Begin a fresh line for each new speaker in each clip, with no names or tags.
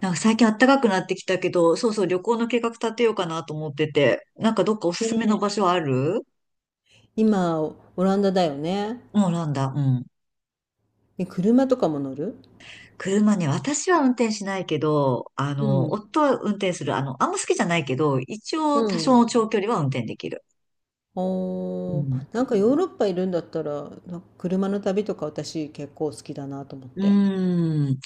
最近暖かくなってきたけど、そうそう、旅行の計画立てようかなと思ってて、どっかおす
ね
すめの場
え、
所ある？
今、オランダだよね。
もうなんだ、うん。
え、車とかも乗る。
車ね、私は運転しないけど、
うん。
夫は運転する。あんま好きじゃないけど、一
う
応多少の長
ん。
距離は運転できる。う
おー、
ん。
なんかヨーロッパいるんだったら、な車の旅とか私結構好きだなと思っ
う
て。
ーん。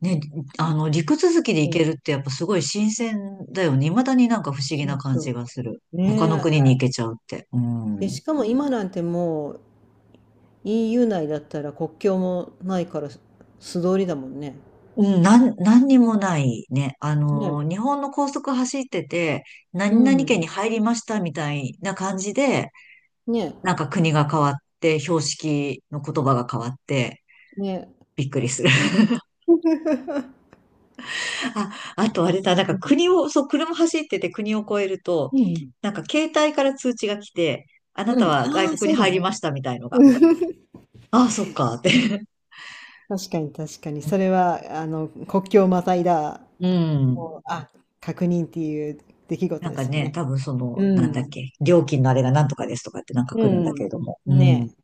ね、あの、陸続きで
う
行け
ん。
るってやっぱすごい新鮮だよね。未だに不思議
そ
な
う
感
そ
じがする。
う。
他の
ねえ。
国に行けちゃうって。う
で、
ん。
しかも今なんてもう EU 内だったら国境もないから素通りだもんね。
うん、何にもないね。
ねえ。
日本の高速走ってて、
う
何々県に
ん。
入りましたみたいな感じで、
ね
国が変わって、標識の言葉が変わって、
え。ねえ。
びっくりする。あ、あとあれだ、なんか
うん。
国を、そう、車走ってて国を越えると、
うん。
なんか携帯から通知が来て、あな
う
た
ん。
は外
ああ、
国
そ
に
うだ
入り
ね。
ましたみたいのが。ああ、そっか、って。
確かに確かに。それは、あの、国境をまたいだ
うん。
もうあ、確認っていう出来事
なん
で
か
すよ
ね、
ね。
多分その、
う
なんだっ
ん。
け、料金のあれがなんとかですとかってなんか
う
来るんだけ
ん。
れども。うん。
ねえ。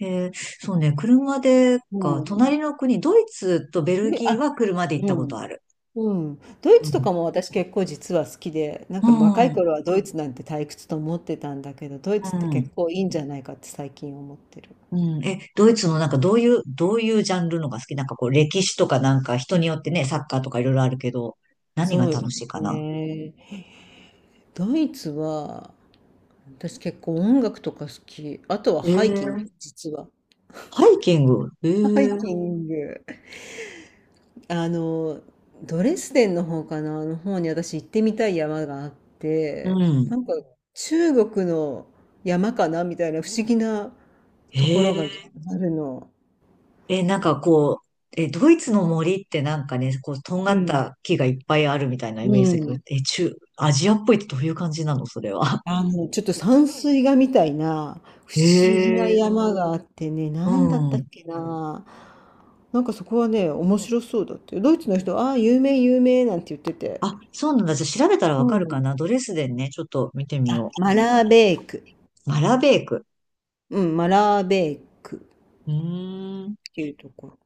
えー、そうね、車で
う
か、
ん。
隣の国、ドイツとベル
で、
ギーは
あ、
車で行った
う
こと
ん。
ある。
うん。ドイ
う
ツと
ん。
かも私結構実は好きで、なん
う
か若い
ん。
頃はドイツなんて退屈と思ってたんだけど、ドイツ
う
って結
ん。
構いいんじゃないかって最近思ってる。
うんえ、ドイツのどういう、どういうジャンルのが好きなんか、こう歴史とかなんか人によってね、サッカーとかいろいろあるけど、何が
そう
楽
よ
しいかな？
ね。ドイツは、私結構音楽とか好き。あとは
え
ハイキング、
ー、
実は。
ハイキング？
ハイキング。あの、ドレスデンの方かな、あの方に私行ってみたい山があっ
う
て、
ん。
なんか中国の山かなみたいな不思議な
え
ところ
ー、
があるの。
え、なんかこう、え、ドイツの森ってなんかね、こう、とんが
う
っ
ん。
た木がいっぱいあるみたいなイメー
う
ジだけど、
ん。
アジアっぽいってどういう感じなのそれは。
あの、ちょっと山水画みたいな不思議な
ええ、
山があってね、
う
なんだったっ
ん。
けな。なんかそこはね、面白そうだって。ドイツの人、ああ、有名、有名なんて言ってて。
あ、そうなんだ。じゃあ調べたら
う
わかるか
ん。
な。ドレスデンね、ちょっと見てみ
あ、
よ
マラーベーク。
う。マラベーク。
うん、マラーベークっ
うーん。
ていうところ。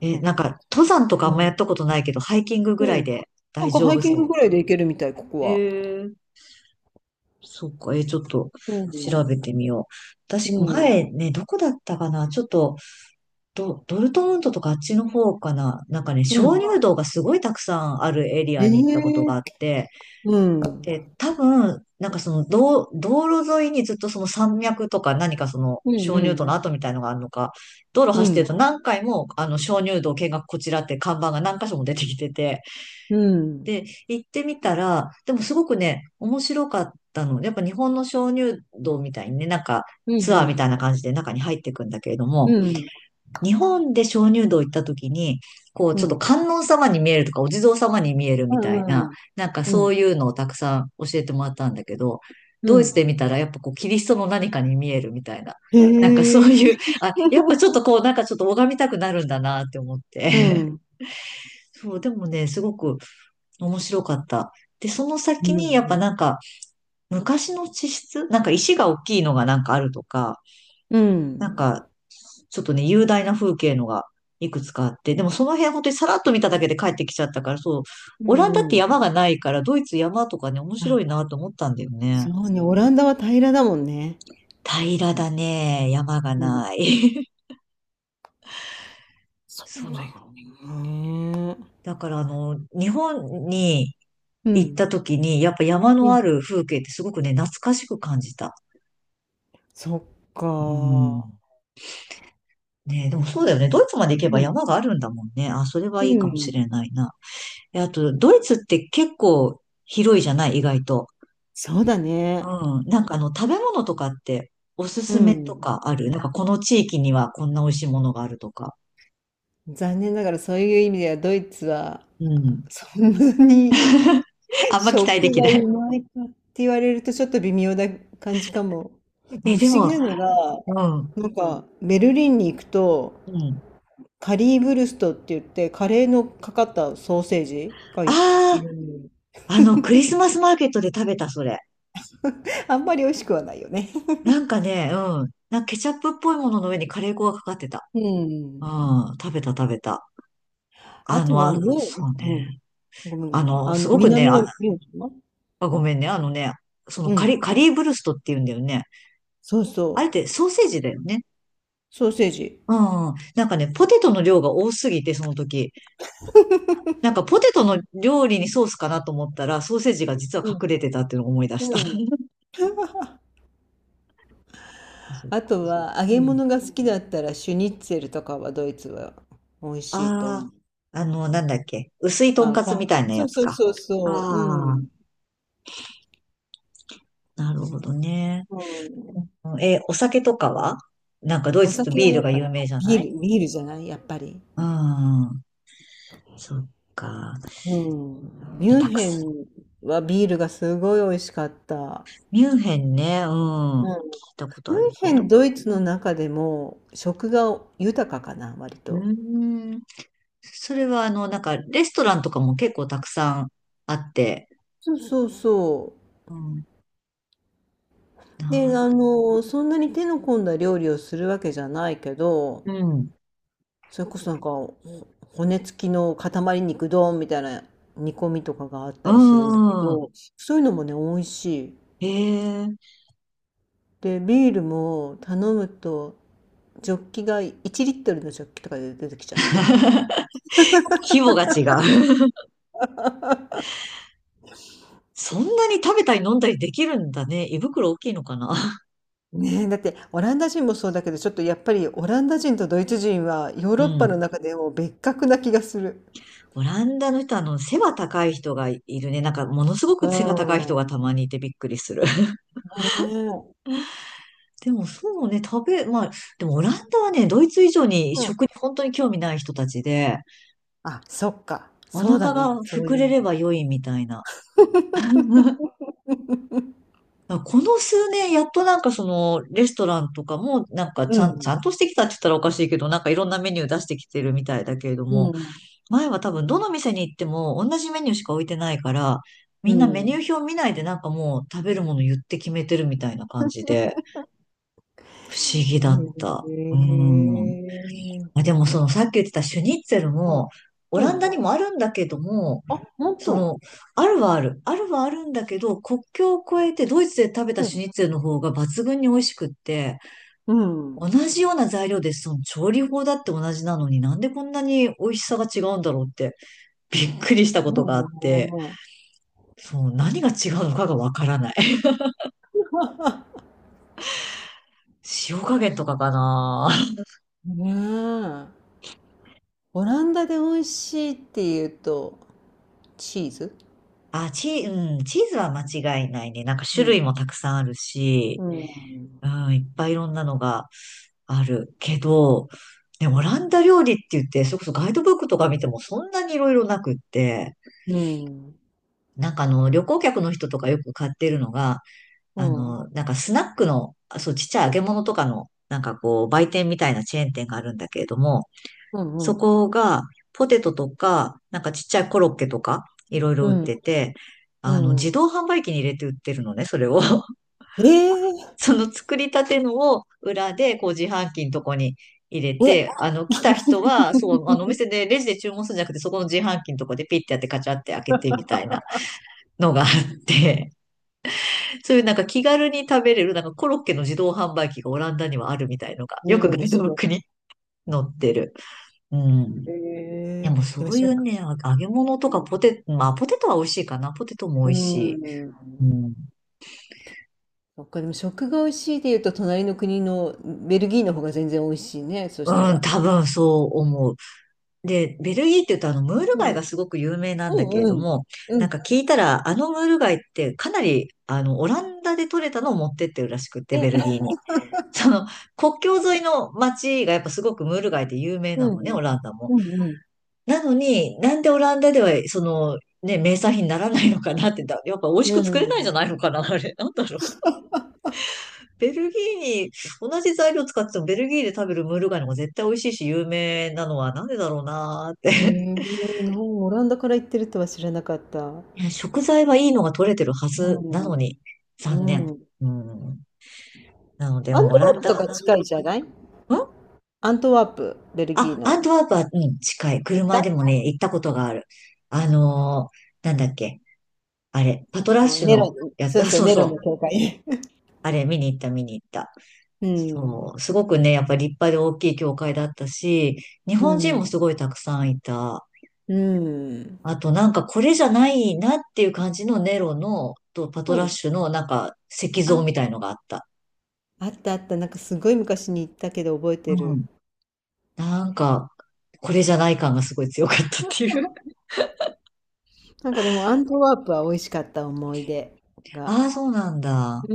え、
なん
な
か
ん
ね。
か、登山とかあ
う
んまや
ん。
ったことないけど、ハイキングぐら
う
い
ん。
で
なん
大
か
丈
ハイ
夫
キング
そ
ぐらいで行けるみたい、ここ
う。
は。
ええ、そっか。え、ちょっと
う
調べ
ん。
てみよう。
う
私、前
ん。
ね、どこだったかな。ちょっと、ドルトムントとかあっちの方かな。なんかね、
う
鍾
ん。
乳洞がすごいたくさんあるエリ
え
アに行ったことがあ
え。
って、
うん。
で、多分、その道、道路沿いにずっとその山脈とか何かその
うん
鍾
う
乳洞の
ん。
跡みたいのがあるのか、道路
う
走ってると
ん。
何回もあの鍾乳洞見学こちらって看板が何箇所も出てきてて、
うん。
で、行ってみたら、でもすごくね、面白かったの。やっぱ日本の鍾乳洞みたいにね、
う
ツ
んう
アーみ
ん。
たいな感じで中に入っていくんだけれど
う
も、
ん。
日本で鍾乳洞行った時に、こう、
う
ちょっと
ん。
観音様に見えるとか、お地蔵様に見える
う
みたいな、
ん
なんか
う
そう
ん。
いうのをたくさん教えてもらったんだけど、
う
ドイツ
ん。
で見たらやっぱこう、キリストの何かに見えるみたいな。
へ
なんかそういう、
え。
あ、やっぱちょっとこう、なんかちょっと拝みたくなるんだなって思っ
う
て。
ん。
そう、でもね、すごく面白かった。で、その
う
先
んう
にやっぱ
ん。
なんか、昔の地質、なんか石が大きいのがなんかあるとか、
う
なん
ん。
か、ちょっとね、雄大な風景のがいくつかあって、でもその辺本当にさらっと見ただけで帰ってきちゃったから、そう、
う
オランダって
んう
山
ん。
がないから、ドイツ山とかね、面白
あ、
いなと思ったんだよね。
そうね。オランダは平らだもんね。
平らだね、山が
うん。
ない。
そう
そ
だ
う。
よね。
だから、あの、日本に
う
行っ
ん。
た時に、やっぱ山
う
のあ
ん。
る風景ってすごくね、懐かしく感じた。
そっ
うん。
か。
ねえ、でもそうだよね。ドイツまで行け
う
ば
ん。
山があるんだもんね。あ、それは
う
いいかもしれ
ん。
ないな。であと、ドイツって結構広いじゃない意外と。
そうだね。
うん。なんか、あの、食べ物とかっておす
う
すめと
ん。
かある？なんかこの地域にはこんな美味しいものがあるとか。
残念ながらそういう意味ではドイツは
うん。
そんなに、
あんま期待で
食
き
が
な
う
い。
まいかって言われるとちょっと微妙な感じかも。で
え、
も
で
不思議
も、
なのが、
うん。う
なんかベルリンに行くと
ん。
カリーブルストって言ってカレーのかかったソーセージがいい
あ
る。
あ、あの、クリスマスマーケットで食べた、それ。
あんまり美味しくはないよね。
なんかね、うん。なんかケチャップっぽいものの上にカレー粉がかかってた。
う
う
ん。
ん。食べた、食べた。
あ
あ
と
の、
は、
あ、そう
うん。
ね。
ごめんごめ
あ
ん。
の、
あ
す
の、
ごくね、
南
あ、
のミューンか。
あごめんね。あのね、
うん。
カリーブルストって言うんだよね。
そう
あれっ
そ
て
う。
ソーセージだよね。
ソーセージ。
うん、なんかね、ポテトの量が多すぎて、その時。なんかポテトの料理にソースかなと思ったら、ソーセージが実は
うん。
隠れてたっていうのを思い出した。
うん。
そう、
あとは、揚
う
げ
ん。
物が好きだったら、シュニッツェルとかはドイツは美味しいと思
あ
う。
あ、あの、なんだっけ。薄いとん
あの、
か
と
つみ
ん、
たいな
そ
や
う
つ
そう
か。
そう
あ
そう。う
あ、
ん。
なるほどね。
うん。
うんえ、お酒とかは、なんかドイ
お
ツって
酒は
ビー
や
ルが
っぱ
有名じゃな
ビ
い？
ール、ビールじゃないやっぱり。
うん。そっか。
うん。ミ
イ
ュン
タク
ヘン
ス。
はビールがすごい美味しかった。
ミュンヘンね。うん。聞いたこと
ミュ
ある
ンヘ
ぞ。
ン、ドイツの中でも食が豊かかな、割
う
と。
ーん。それは、あの、なんかレストランとかも結構たくさんあって、
そうそうそ
うん、
う。
な
で、
る、
あの、そんなに手の込んだ料理をするわけじゃないけど、
うん、
それこそなんか、骨付きの塊肉丼みたいな煮込みとかがあったりするんだけ
うん、
ど、そういうのもね、美味しい。
へえ。
で、ビールも頼むと、ジョッキが1リットルのジョッキとかで出てきちゃって。
規模が違う。そんなに食べたり飲んだりできるんだね。胃袋大きいのかな。
ねえ、だってオランダ人もそうだけど、ちょっとやっぱりオランダ人とドイツ人はヨー
う
ロッパの
ん。
中でも別格な気がする。
オランダの人、あの、背が高い人がいるね。なんか、ものすご
う
く背が高い人
ー
が
ん。
たまにいてびっくりする。
ねえ。
でも、そうね、まあ、でもオランダはね、ドイツ以上に
うん。
食に本当に興味ない人たちで、
あ、そっか。
お
そうだ
腹
ね。
が
そう
膨
いう意
れ
味。
れば良いみたいな。あ、この数年、やっとその、レストランとかも、
う
ち
ん。
ゃんとしてきたって言ったらおかしいけど、なんかいろんなメニュー出してきてるみたいだけれど
う
も、
ん。
前は多分どの店に行っても同じメニューしか置いてないから、み
う
んなメニュ
ん。
ー表見ないでなんかもう食べるもの言って決めてるみたいな感じで、不思議
う
だっ
ん。
た。うん。
へえ。
まあ、でもそのさっき言ってたシュニッツェル
うん。
も、オ
う
ランダ
ん。
にもあるんだけども、
あ、
その、あるはある。あるはあるんだけど、国境を越えてドイツで食べた
う
シ
ん。
ュニッツェルの方が抜群に美味しくって、
うん。
同じような材料で、その調理法だって同じなのになんでこんなに美味しさが違うんだろうって、びっくりしたことがあって、
そ
そう、何が違うのかがわからない。塩加減とかかな。
うね。ねえ。オランダで美味しいっていうと、チーズ。
あ、チー、うん、チーズは間違いないね。なんか
う
種
ん。
類もたくさんあるし、
うん。
うん、いっぱいいろんなのがあるけど、ね、オランダ料理って言って、それこそガイドブックとか見てもそんなにいろいろなくって、
うん。
なんかあの、旅行客の人とかよく買ってるのが、
う
あ
ん。
の、なんかスナックの、あそう、ちっちゃい揚げ物とかの、なんかこう、売店みたいなチェーン店があるんだけれども、
う
そ
ん。
こが、ポテトとか、なんかちっちゃいコロッケとか、いろいろ
う
売って
ん。
て、あの、
う
自
ん。
動販売機に入れて売ってるのね、それを。
ええ、
その作りたてのを裏でこう自販機のとこに入れ
え、
て、
え、
来た人は、そう、お 店でレジで注文するんじゃなくて、そこの自販機のとこでピッてやってカチャって開けてみたいなのがあって、そういうなんか気軽に食べれる、なんかコロッケの自動販売機がオランダにはあるみたいのが、
え
よ
え、
くガ
面
イドブ
白
ック
い。
に載ってる。うん。で
ええ、
もそ
でも
うい
しょ、
うね、揚げ物と
う
か
ん。
まあポテトは美味しいかな。ポテトも美味し
うん。
い。うん。
そっか、でも食が美味しいで言うと、隣の国のベルギーの方が全然美味しいね、そした
うん、
ら。
多分そう思う。で、ベルギーって言うとムール
う
貝が
ん。
すごく有名なんだけれ
うんう
ど
ん。
も、
う
なん
ん。
か聞いたらムール貝ってかなりオランダで取れたのを持ってってるらしくって、ベルギ
え、
ーに。その国境沿いの町がやっぱすごくムール貝で有名
う
なのね、
ん。
オランダも。
うんうん。
なのになんでオランダでは名産品にならないのかなってやっぱ美味し
う
く作れないんじゃ
ん。
ないのかな、あれ。なんだろう。ベルギーに同じ材料使っててもベルギーで食べるムール貝の方が絶対美味しいし有名なのはなんでだろうなーっ
へ
て。
え、もうオランダから行ってるとは知らなかった。
ね、食材はいいのが取れてるはずなのに、
う
残
ん。
念。
うん。
うん。なので、
アン
もうオ
トワ
ラ
ー
ン
プ
ダ、
とか近いじゃない？アントワープ、ベルギー
あ、ア
の。
ントワープは、うん、近い。
行った、
車で
あ
もね、行ったことがある。なんだっけ。あれ、パトラッ
の、
シュ
ネロに、
のや
そ
つ、
う
あ、
そう、
そう
ネロ
そ
の
う。
教会。
あれ、見に行った、見に行った。
うん。
そう。すごくね、やっぱり立派で大きい教会だったし、日
う
本人も
ん。
すごいたくさんいた。
うん。
あと、なんかこれじゃないなっていう感じのネロの、とパト
う
ラッ
ん。
シュの、なんか石像
あ、
みたいのがあった。
あったあった。なんかすごい昔に行ったけど覚え
う
てる。
ん。なんか、これじゃない感がすごい強かったっていう。
なんかでもアントワープは美味しかった思い出 が。
ああ、そうなんだ。
う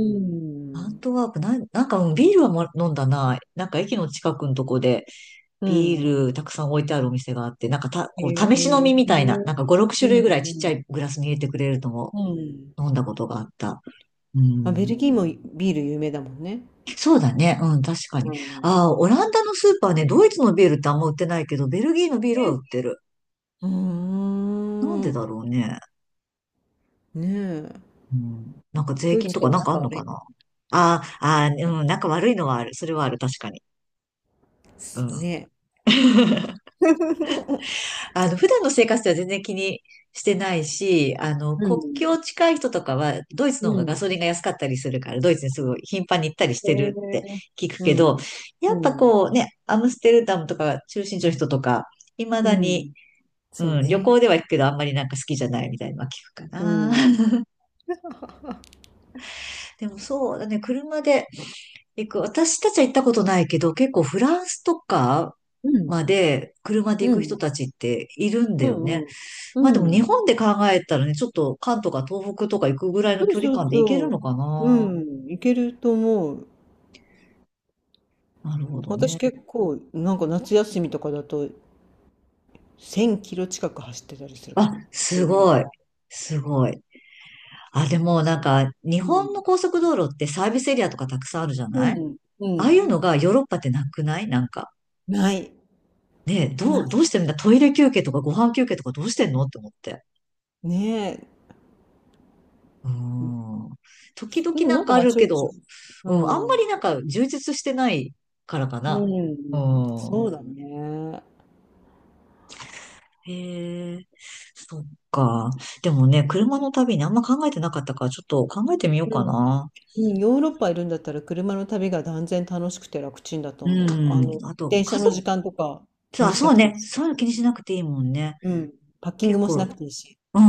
アン
ん。
トワープ、なんか、うんビールはも飲んだな。なんか駅の近くのとこで、
う
ビ
ん。
ールたくさん置いてあるお店があって、なんかた、
へ
こう、試し飲
え。
みみ
う
たいな、な
ん
んか5、6種類ぐらいちっ
う
ちゃい
ん。
グラスに入れてくれるのも
うん。
飲んだことがあった。う
まあ、ベ
ん。
ルギーもビール有名だもんね。
そうだね。うん、確かに。
うん。
ああ、オランダのスーパーね、ドイツのビールってあんま売ってないけど、ベルギーのビールは売
ね、
ってる。
うー
なんでだ
ん。
ろうね。
ねえ。
うん、なんか税
ドイ
金
ツ
と
と
か
は
なんかあ
仲
んの
悪
か
い。
な。ああ、あうん、なんか悪いのはある。それはある、確かに。う
す
ん。
ね。
普段の生活では全然気にしてないし、
う
国
ん。
境近い人とかは、ドイツの方
う
がガソリ
ん。
ンが安かったりするから、ドイツにすごい頻繁に行ったりし
へ
て
え。
るって聞く
う
け
ん。
ど、やっ
う
ぱ
ん。
こうね、アムステルダムとか中心地の人とか、未
う
だに、
ん。そう
うん、旅
ね。
行では行くけど、あんまりなんか好きじゃないみたいなのは聞くか
う
な。
ん。
でもそうだね、車で、行く。私たちは行ったことないけど、結構フランスとか
う
ま
ん。
で車で行
う
く人
ん。
たちっているんだ
う
よね。
んうん。
まあ
う
でも日
ん。
本で考えたらね、ちょっと関東か東北とか行くぐらいの
そう
距離
そう
感で行け
そ
るのか
う。
な。
うん。いけると思う。
なるほど
私
ね。
結構、なんか夏休みとかだと、1000キロ近く走ってたりするか
あ、
も。み
す
んな
ご
で。
い。すごい。あ、でもなんか日
うん。
本の高速道路ってサービスエリアとかたくさんあるじゃ
う
ない。
ん。う
ああいう
ん。
のがヨーロッパってなくないなんか。
ない。
ねえ、ど
な
うしてんだ、トイレ休憩とかご飯休憩とかどうしてんのって思って。
い。ねえ。
うん。時々
でも
な
な
ん
んか
かあ
まあ
る
ちょ
け
いちょ
ど、
い。
うん、あん
う
ま
ん。
りなんか充実してないからか
う
な。う
ん、
ん。
そうだね。
へえ、そっか。でも
う
ね、
ん
車の旅にあんま考えてなかったから、ちょっと考えてみよう
う
か
ん、
な。
うん、ヨーロッパいるんだったら車の旅が断然楽しくて楽ちんだと
う
思う。あ
ん。
の、
あと、
電車
家
の
族、
時間とか気に
あ、
しな
そう
くていい
ね。
し。
そういうの気にしなくていいもんね。
うん。パッキング
結
もしな
構、
くていいし。
う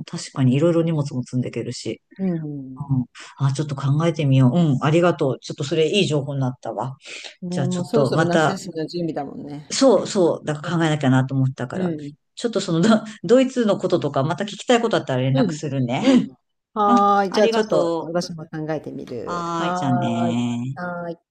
ん。確かにいろいろ荷物も積んでいけるし。
うん。
うん。あ、ちょっと考えてみよう。うん。ありがとう。ちょっとそれいい情報になったわ。
ね、
じゃあち
も
ょ
う
っ
そろ
と
そろ
ま
夏
た、
休みの準備だもんね。
そうそう、だから考えなきゃなと思ったか
うん。う
ら。
ん。
ちょっとそのド、ドイツのこととか、また聞きたいことあったら連
う
絡
ん。
するね。
うん、
うん、
はーい。
あ
じゃあ
り
ちょ
が
っと
とう。
私も考えてみる。
はーい、
は
じゃあ
ーい。
ねー。
はーい。